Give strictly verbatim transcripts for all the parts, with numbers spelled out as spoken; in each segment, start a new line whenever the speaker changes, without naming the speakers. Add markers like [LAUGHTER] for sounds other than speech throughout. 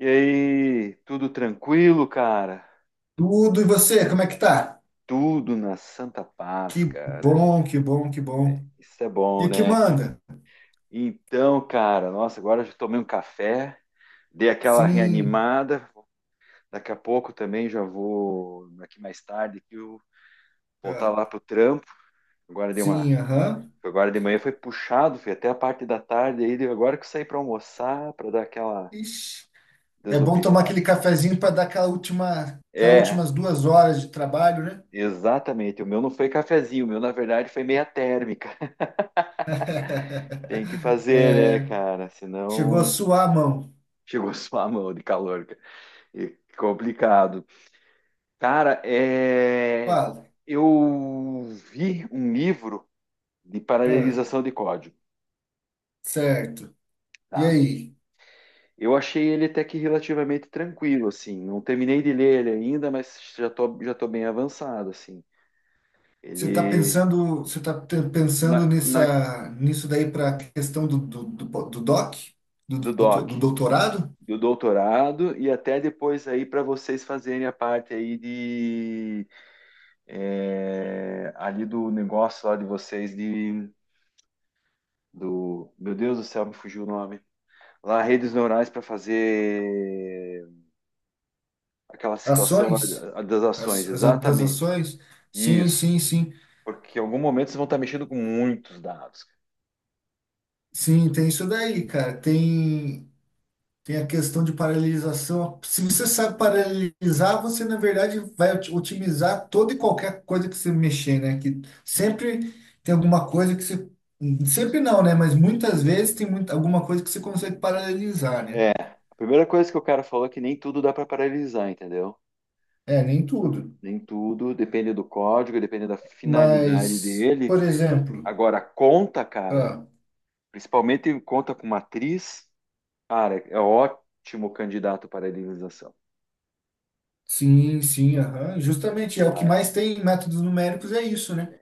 E aí, tudo tranquilo, cara?
Tudo, e você, como é que tá?
Tudo na santa paz,
Que
cara.
bom, que bom, que bom.
Isso é
E
bom,
o que
né, cara?
manda?
Então, cara, nossa, agora já tomei um café, dei aquela
Sim,
reanimada. Daqui a pouco também já vou, aqui mais tarde, que eu voltar
ah,
lá pro trampo. Agora dei uma,
sim, aham.
agora de manhã foi puxado, foi até a parte da tarde aí, agora que eu saí para almoçar, para dar aquela
Ixi, é bom tomar aquele
desopilada.
cafezinho para dar aquela última, aquelas
É,
últimas duas horas de trabalho, né?
exatamente. O meu não foi cafezinho, o meu na verdade foi meia térmica. Tem que
[LAUGHS]
fazer, né,
É,
cara?
chegou a
Senão
suar a mão.
[LAUGHS] chegou a sua mão de calor, cara. E complicado. Cara, é...
Fala.
eu vi um livro de
Ah,
paralelização de código,
certo. E
tá?
aí?
Eu achei ele até que relativamente tranquilo, assim. Não terminei de ler ele ainda, mas já tô, já tô bem avançado, assim.
Você tá
Ele...
pensando, você tá te-
Na,
pensando
na-
nessa, nisso daí para a questão do, do, do, do doc? Do,
Do
do,
doc,
do doutorado?
do doutorado e até depois aí para vocês fazerem a parte aí, é, ali do negócio lá de vocês de, do meu Deus do céu, me fugiu o nome lá, redes neurais, para fazer aquela situação lá
Ações?
da- das
As,
ações,
as a- das
exatamente
ações? Sim,
isso,
sim, sim.
porque em algum momento vocês vão estar mexendo com muitos dados, cara.
Sim, tem isso daí, cara. Tem, tem a questão de paralisação. Se você sabe paralisar, você, na verdade, vai ot- otimizar toda e qualquer coisa que você mexer, né? Que sempre tem alguma coisa que você. Sempre não, né? Mas muitas vezes tem muita, alguma coisa que você consegue paralisar, né?
A primeira coisa que o cara falou é que nem tudo dá para paralisar, entendeu?
É, nem tudo.
Nem tudo, depende do código, depende da finalidade
Mas,
dele.
por exemplo,
Agora, conta, cara,
ah,
principalmente conta com matriz, cara, é ótimo candidato para paralisação.
sim, sim, aham. Justamente, é o que
Ah,
mais tem em métodos numéricos é isso, né?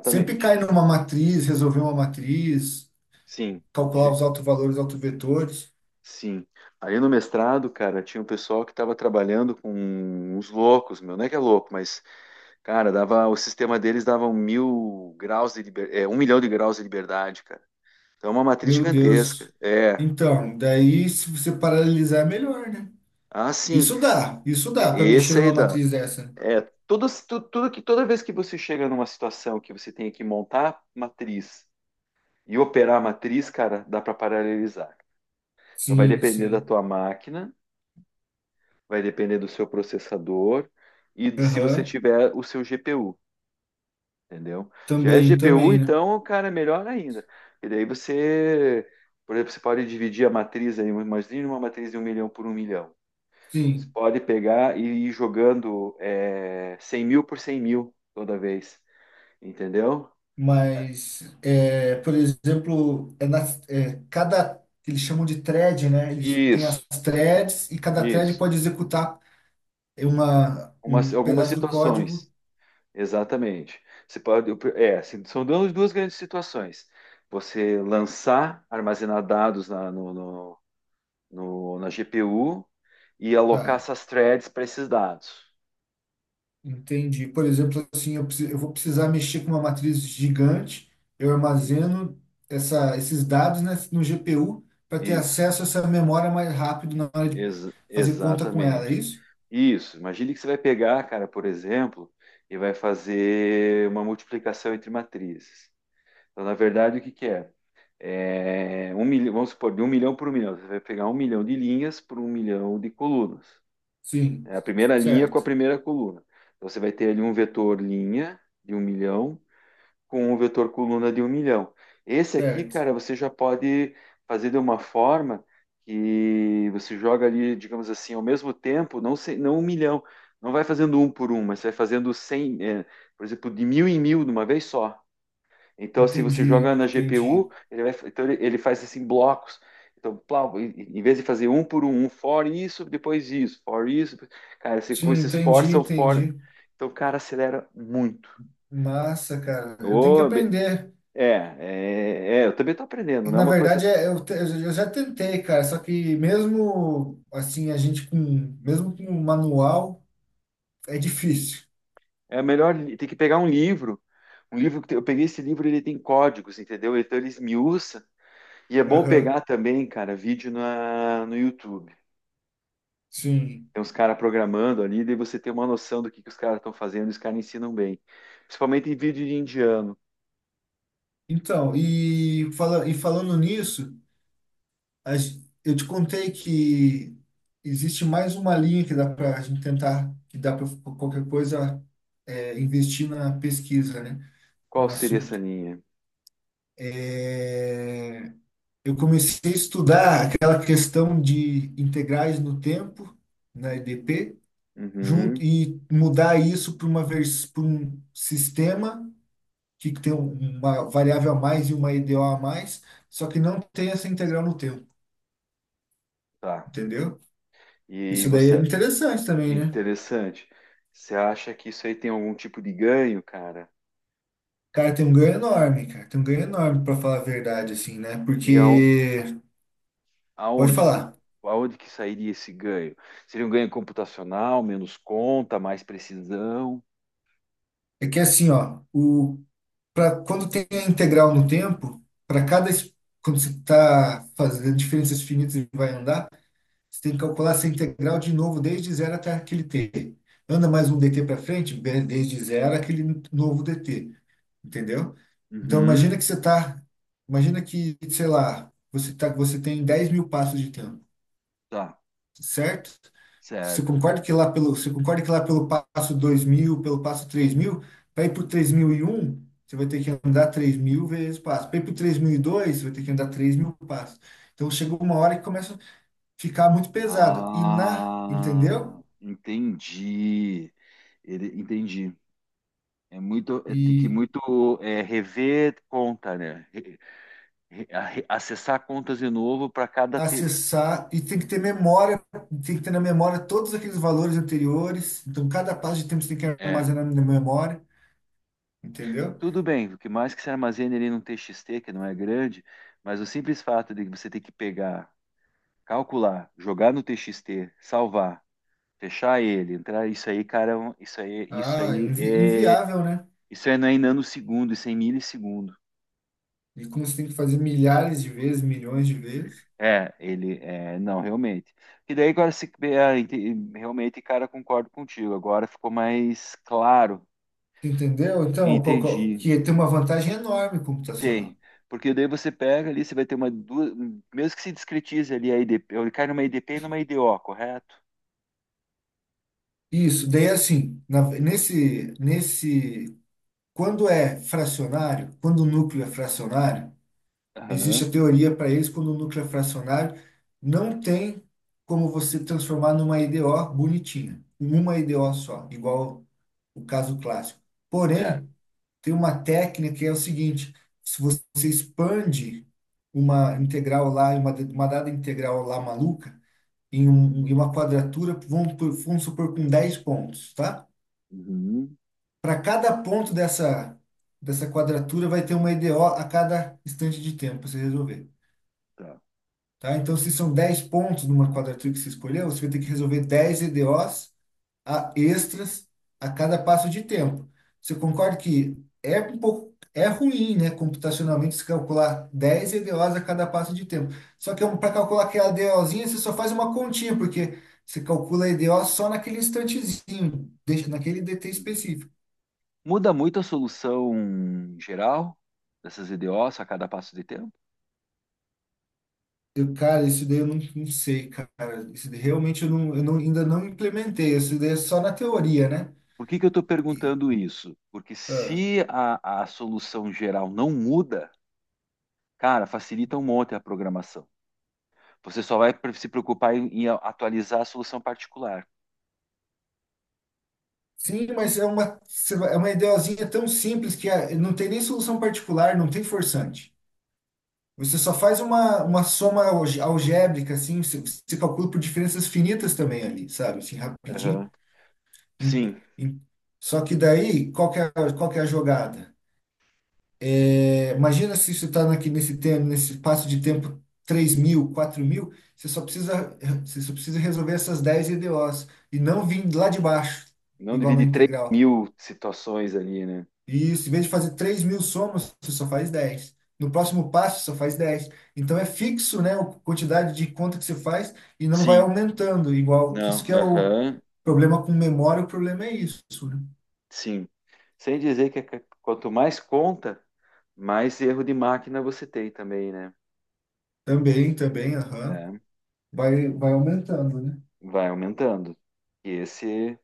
Sempre cai numa matriz, resolver uma matriz,
Sim.
calcular
Ge-
os autovalores, autovetores.
Sim. Ali no mestrado, cara, tinha um pessoal que estava trabalhando com uns loucos, meu, não é que é louco, mas, cara, dava, o sistema deles dava um mil graus de liber, é, um milhão de graus de liberdade, cara. Então é uma matriz
Meu Deus.
gigantesca. É.
Então, daí se você paralelizar é melhor, né?
Ah, sim.
Isso dá, isso
E-
dá para mexer
Esse aí
numa
dá.
matriz dessa.
É, tudo, tu- tudo que toda vez que você chega numa situação que você tem que montar matriz e operar a matriz, cara, dá para paralelizar. Então vai
Sim,
depender da
sim.
tua máquina, vai depender do seu processador e do- se você
Aham.
tiver o seu G P U, entendeu? Se tiver
Também,
G P U,
também, né?
então, cara, melhor ainda. E daí você, por exemplo, você pode dividir a matriz aí, imagina uma matriz de um milhão por um milhão. Você
Sim.
pode pegar e ir jogando, é, cem mil por cem mil toda vez, entendeu?
Mas, é, por exemplo, é na é, cada, eles chamam de thread, né? Eles têm as
Isso,
threads e cada thread
isso.
pode executar uma,
Umas,
um
algumas
pedaço do código.
situações. Exatamente. Você pode, é, assim, são duas duas grandes situações. Você lançar, armazenar dados na, no, no- no- na G P U e alocar
Tá,
essas threads para esses dados.
entendi. Por exemplo, assim, eu, preci- eu vou precisar mexer com uma matriz gigante, eu
I-
armazeno essa, esses dados, né, no G P U para ter
Isso.
acesso a essa memória mais rápido na hora de
Ex-
fazer conta com ela, é
exatamente.
isso?
Isso. Imagine que você vai pegar, cara, por exemplo, e vai fazer uma multiplicação entre matrizes. Então, na verdade, o que que é? É um milhão, vamos supor, de um milhão por um milhão. Você vai pegar um milhão de linhas por um milhão de colunas.
Sim,
É a primeira linha com a
certo,
primeira coluna. Então, você vai ter ali um vetor linha de um milhão com um vetor coluna de um milhão. Esse aqui,
certo.
cara, você já pode fazer de uma forma que você joga ali, digamos assim, ao mesmo tempo, não, se- não um milhão. Não vai fazendo um por um, mas você vai fazendo cem, é, por exemplo, de mil em mil de uma vez só. Então, se você
Entendi,
joga na G P U,
entendi.
ele vai, então ele, ele faz assim blocos. Então, plá, em em vez de fazer um por um, um for isso, depois isso, for isso, cara, você com
Sim,
esses for
entendi,
são for.
entendi.
Então, cara, acelera muito.
Massa, cara. Eu tenho que
Ô, be-
aprender.
é, é, é, eu também tô aprendendo,
E,
não é
na
uma coisa.
verdade, é- eu, te- eu já tentei, cara. Só que mesmo assim, a gente com, mesmo com o manual, é difícil.
É melhor li- tem que pegar um livro. Um livro que tem- eu peguei esse livro, ele tem códigos, entendeu? Então ele esmiuça. E é bom
Aham,
pegar também, cara, vídeo na, no YouTube.
sim.
Tem uns caras programando ali, daí você tem uma noção do que, que os caras estão fazendo, e os caras ensinam bem. Principalmente em vídeo de indiano.
Então, e, fala, e falando nisso, a gen- eu te contei que existe mais uma linha que dá para a gente tentar, que dá para qualquer coisa é, investir na pesquisa, né?
Qual
Um
seria essa
assunto.
linha?
É, eu comecei a estudar aquela questão de integrais no tempo, na E D P, junto,
Uhum,
e mudar isso para uma vers- para um sistema que tem uma variável a mais e uma E D O a mais, só que não tem essa integral no tempo,
tá.
entendeu?
E
Isso daí é
você,
interessante também, né?
interessante. Você acha que isso aí tem algum tipo de ganho, cara?
Cara, tem um ganho enorme, cara. Tem um ganho enorme, para falar a verdade, assim, né?
E ao-
Porque, pode
aonde,
falar,
aonde que sairia esse ganho? Seria um ganho computacional, menos conta, mais precisão?
é que é assim, ó, o para quando tem a integral no tempo, para cada es- quando você está fazendo diferenças finitas e vai andar, você tem que calcular essa integral de novo desde zero até aquele t. Anda mais um dt para frente, be- desde zero aquele novo dt, entendeu? Então imagina que
Uhum,
você está, imagina que, sei lá, você tá, você tem dez mil passos de tempo,
tá,
certo? Você
certo.
concorda que lá pelo, você concorda que lá pelo passo dois mil pelo passo três mil para ir para o três mil e um você vai ter que andar três mil vezes passo. Para ir para o três mil e dois você vai ter que andar três mil passos. Então chegou uma hora que começa a ficar muito pesado. E na,
Ah,
entendeu?
entendi. Ele, entendi. É muito, é, tem que
E
muito, é, rever conta, né? Re- re- a- acessar contas de novo para cada tipo.
acessar, e tem que ter memória, tem que ter na memória todos aqueles valores anteriores. Então cada passo de tempo você tem que
É,
armazenar na memória, entendeu?
tudo bem, o que mais que se armazene ali num T X T, que não é grande, mas o simples fato de você ter que pegar, calcular, jogar no T X T, salvar, fechar ele, entrar, isso aí, cara, é um- isso aí, isso
Ah,
aí
invi
é,
inviável, né?
isso aí não é em nanosegundo, isso é em milissegundo.
E como você tem que fazer milhares de vezes, milhões de vezes.
É, ele é, não, realmente. E daí agora, se é, ente- realmente, cara, concordo contigo. Agora ficou mais claro
Entendeu?
e
Então, qual- qual-
entendi.
que tem uma vantagem enorme computacional.
Tem. Porque daí você pega ali, você vai ter uma duas, mesmo que se discretize ali a I D P, ele cai numa I D P e numa I D O, correto?
Isso, daí assim, na- nesse, nesse, quando é fracionário, quando o núcleo é fracionário, existe
Aham,
a teoria para isso, quando o núcleo é fracionário, não tem como você transformar numa E D O bonitinha, uma E D O só, igual o caso clássico.
certo.
Porém, tem uma técnica que é o seguinte: se você expande uma integral lá, uma, uma dada integral lá maluca, em, um, em uma quadratura, vamos, por- vamos supor com dez pontos, tá?
Uhum,
Para cada ponto dessa, dessa quadratura vai ter uma E D O a cada instante de tempo para você resolver,
tá.
tá? Então, se são dez pontos numa quadratura que você escolheu, você vai ter que resolver dez E D Os a extras a cada passo de tempo. Você concorda que é um pouco é ruim, né, computacionalmente, se calcular dez E D Os a cada passo de tempo. Só que para calcular aquela EDOzinha, você só faz uma continha, porque você calcula a E D O só naquele instantezinho, deixa naquele D T
Uhum.
específico.
Muda muito a solução geral dessas I D Os a cada passo de tempo?
Eu, cara, isso daí eu não, não sei, cara. Isso daí realmente eu, não, eu não- ainda não implementei. Isso daí é só na teoria, né?
Por que que eu estou
Que-
perguntando isso? Porque
ah,
se a a solução geral não muda, cara, facilita um monte a programação. Você só vai pre- se preocupar em, em atualizar a solução particular.
Sim, mas é uma, é uma ideozinha tão simples que é- não tem nem solução particular, não tem forçante. Você só faz uma, uma soma alge- algébrica, assim, você, você calcula por diferenças finitas também ali, sabe? Assim, rapidinho.
Aham.
Em-
Sim,
em- Só que daí, qual que é, a- qual que é a jogada? É, imagina se você está aqui nesse tempo, nesse espaço de tempo três mil, quatro mil, você só precisa, você só precisa resolver essas dez E D Os e não vir lá de baixo,
não
igual na
divide três
integral.
mil situações ali, né?
Isso, em vez de fazer três mil somas, você só faz dez. No próximo passo, você só faz dez. Então é fixo, né, a quantidade de conta que você faz e não vai
Sim,
aumentando, igual que isso
não,
que é o
aham,
problema com memória, o problema é isso, né?
sim. Sem dizer que c- quanto mais conta, mais erro de máquina você tem também, né?
Também, também, aham.
Né?
Vai, vai aumentando, né?
Vai aumentando. E esse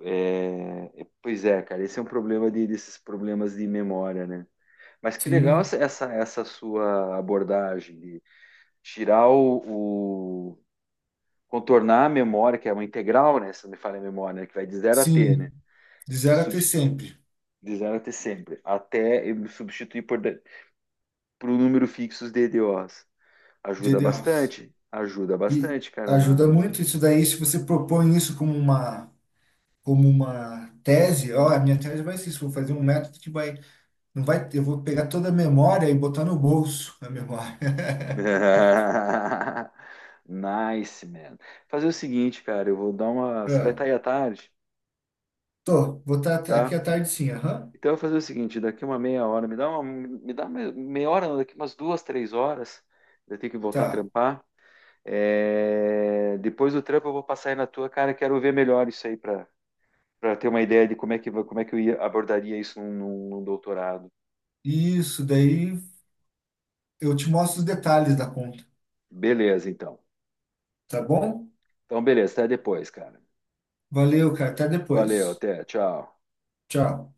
é... é- pois é, cara, esse é um problema de- desses problemas de memória, né? Mas que legal
Sim,
essa, essa essa sua abordagem, tirar o, o- contornar a memória, que é uma integral, né? Se não me falha a memória, né, que vai de zero a t, né?
sim. De
Se
zero
sub,
até sempre,
de zero a t sempre, até eu substituir por, por um número fixo de D D Os.
dia
Ajuda
de ossos.
bastante, ajuda
E
bastante, cara.
ajuda
Na...
muito isso daí, se você propõe isso como uma, como uma tese, ó, a minha tese vai ser isso, vou fazer um método que vai. Não vai, eu vou pegar toda a memória e botar no bolso a memória. [LAUGHS]
[LAUGHS] Nice, man. Fazer o seguinte, cara, eu vou dar uma. Você vai
Ah,
estar aí à tarde,
tô, vou estar aqui
tá?
à tarde sim, aham.
Então eu vou fazer o seguinte, daqui uma meia hora, me dá uma, me dá meia hora, não, daqui umas duas, três horas, eu tenho que voltar a
Tá.
trampar. É, depois do trampo eu vou passar aí na tua, cara, quero ver melhor isso aí para para ter uma ideia de como é que como é que eu ia, abordaria isso num, num num doutorado.
Isso, daí eu te mostro os detalhes da conta,
Beleza, então.
tá bom?
Então, beleza, até depois, cara.
Valeu, cara, até
Valeu,
depois.
até, tchau.
Tchau.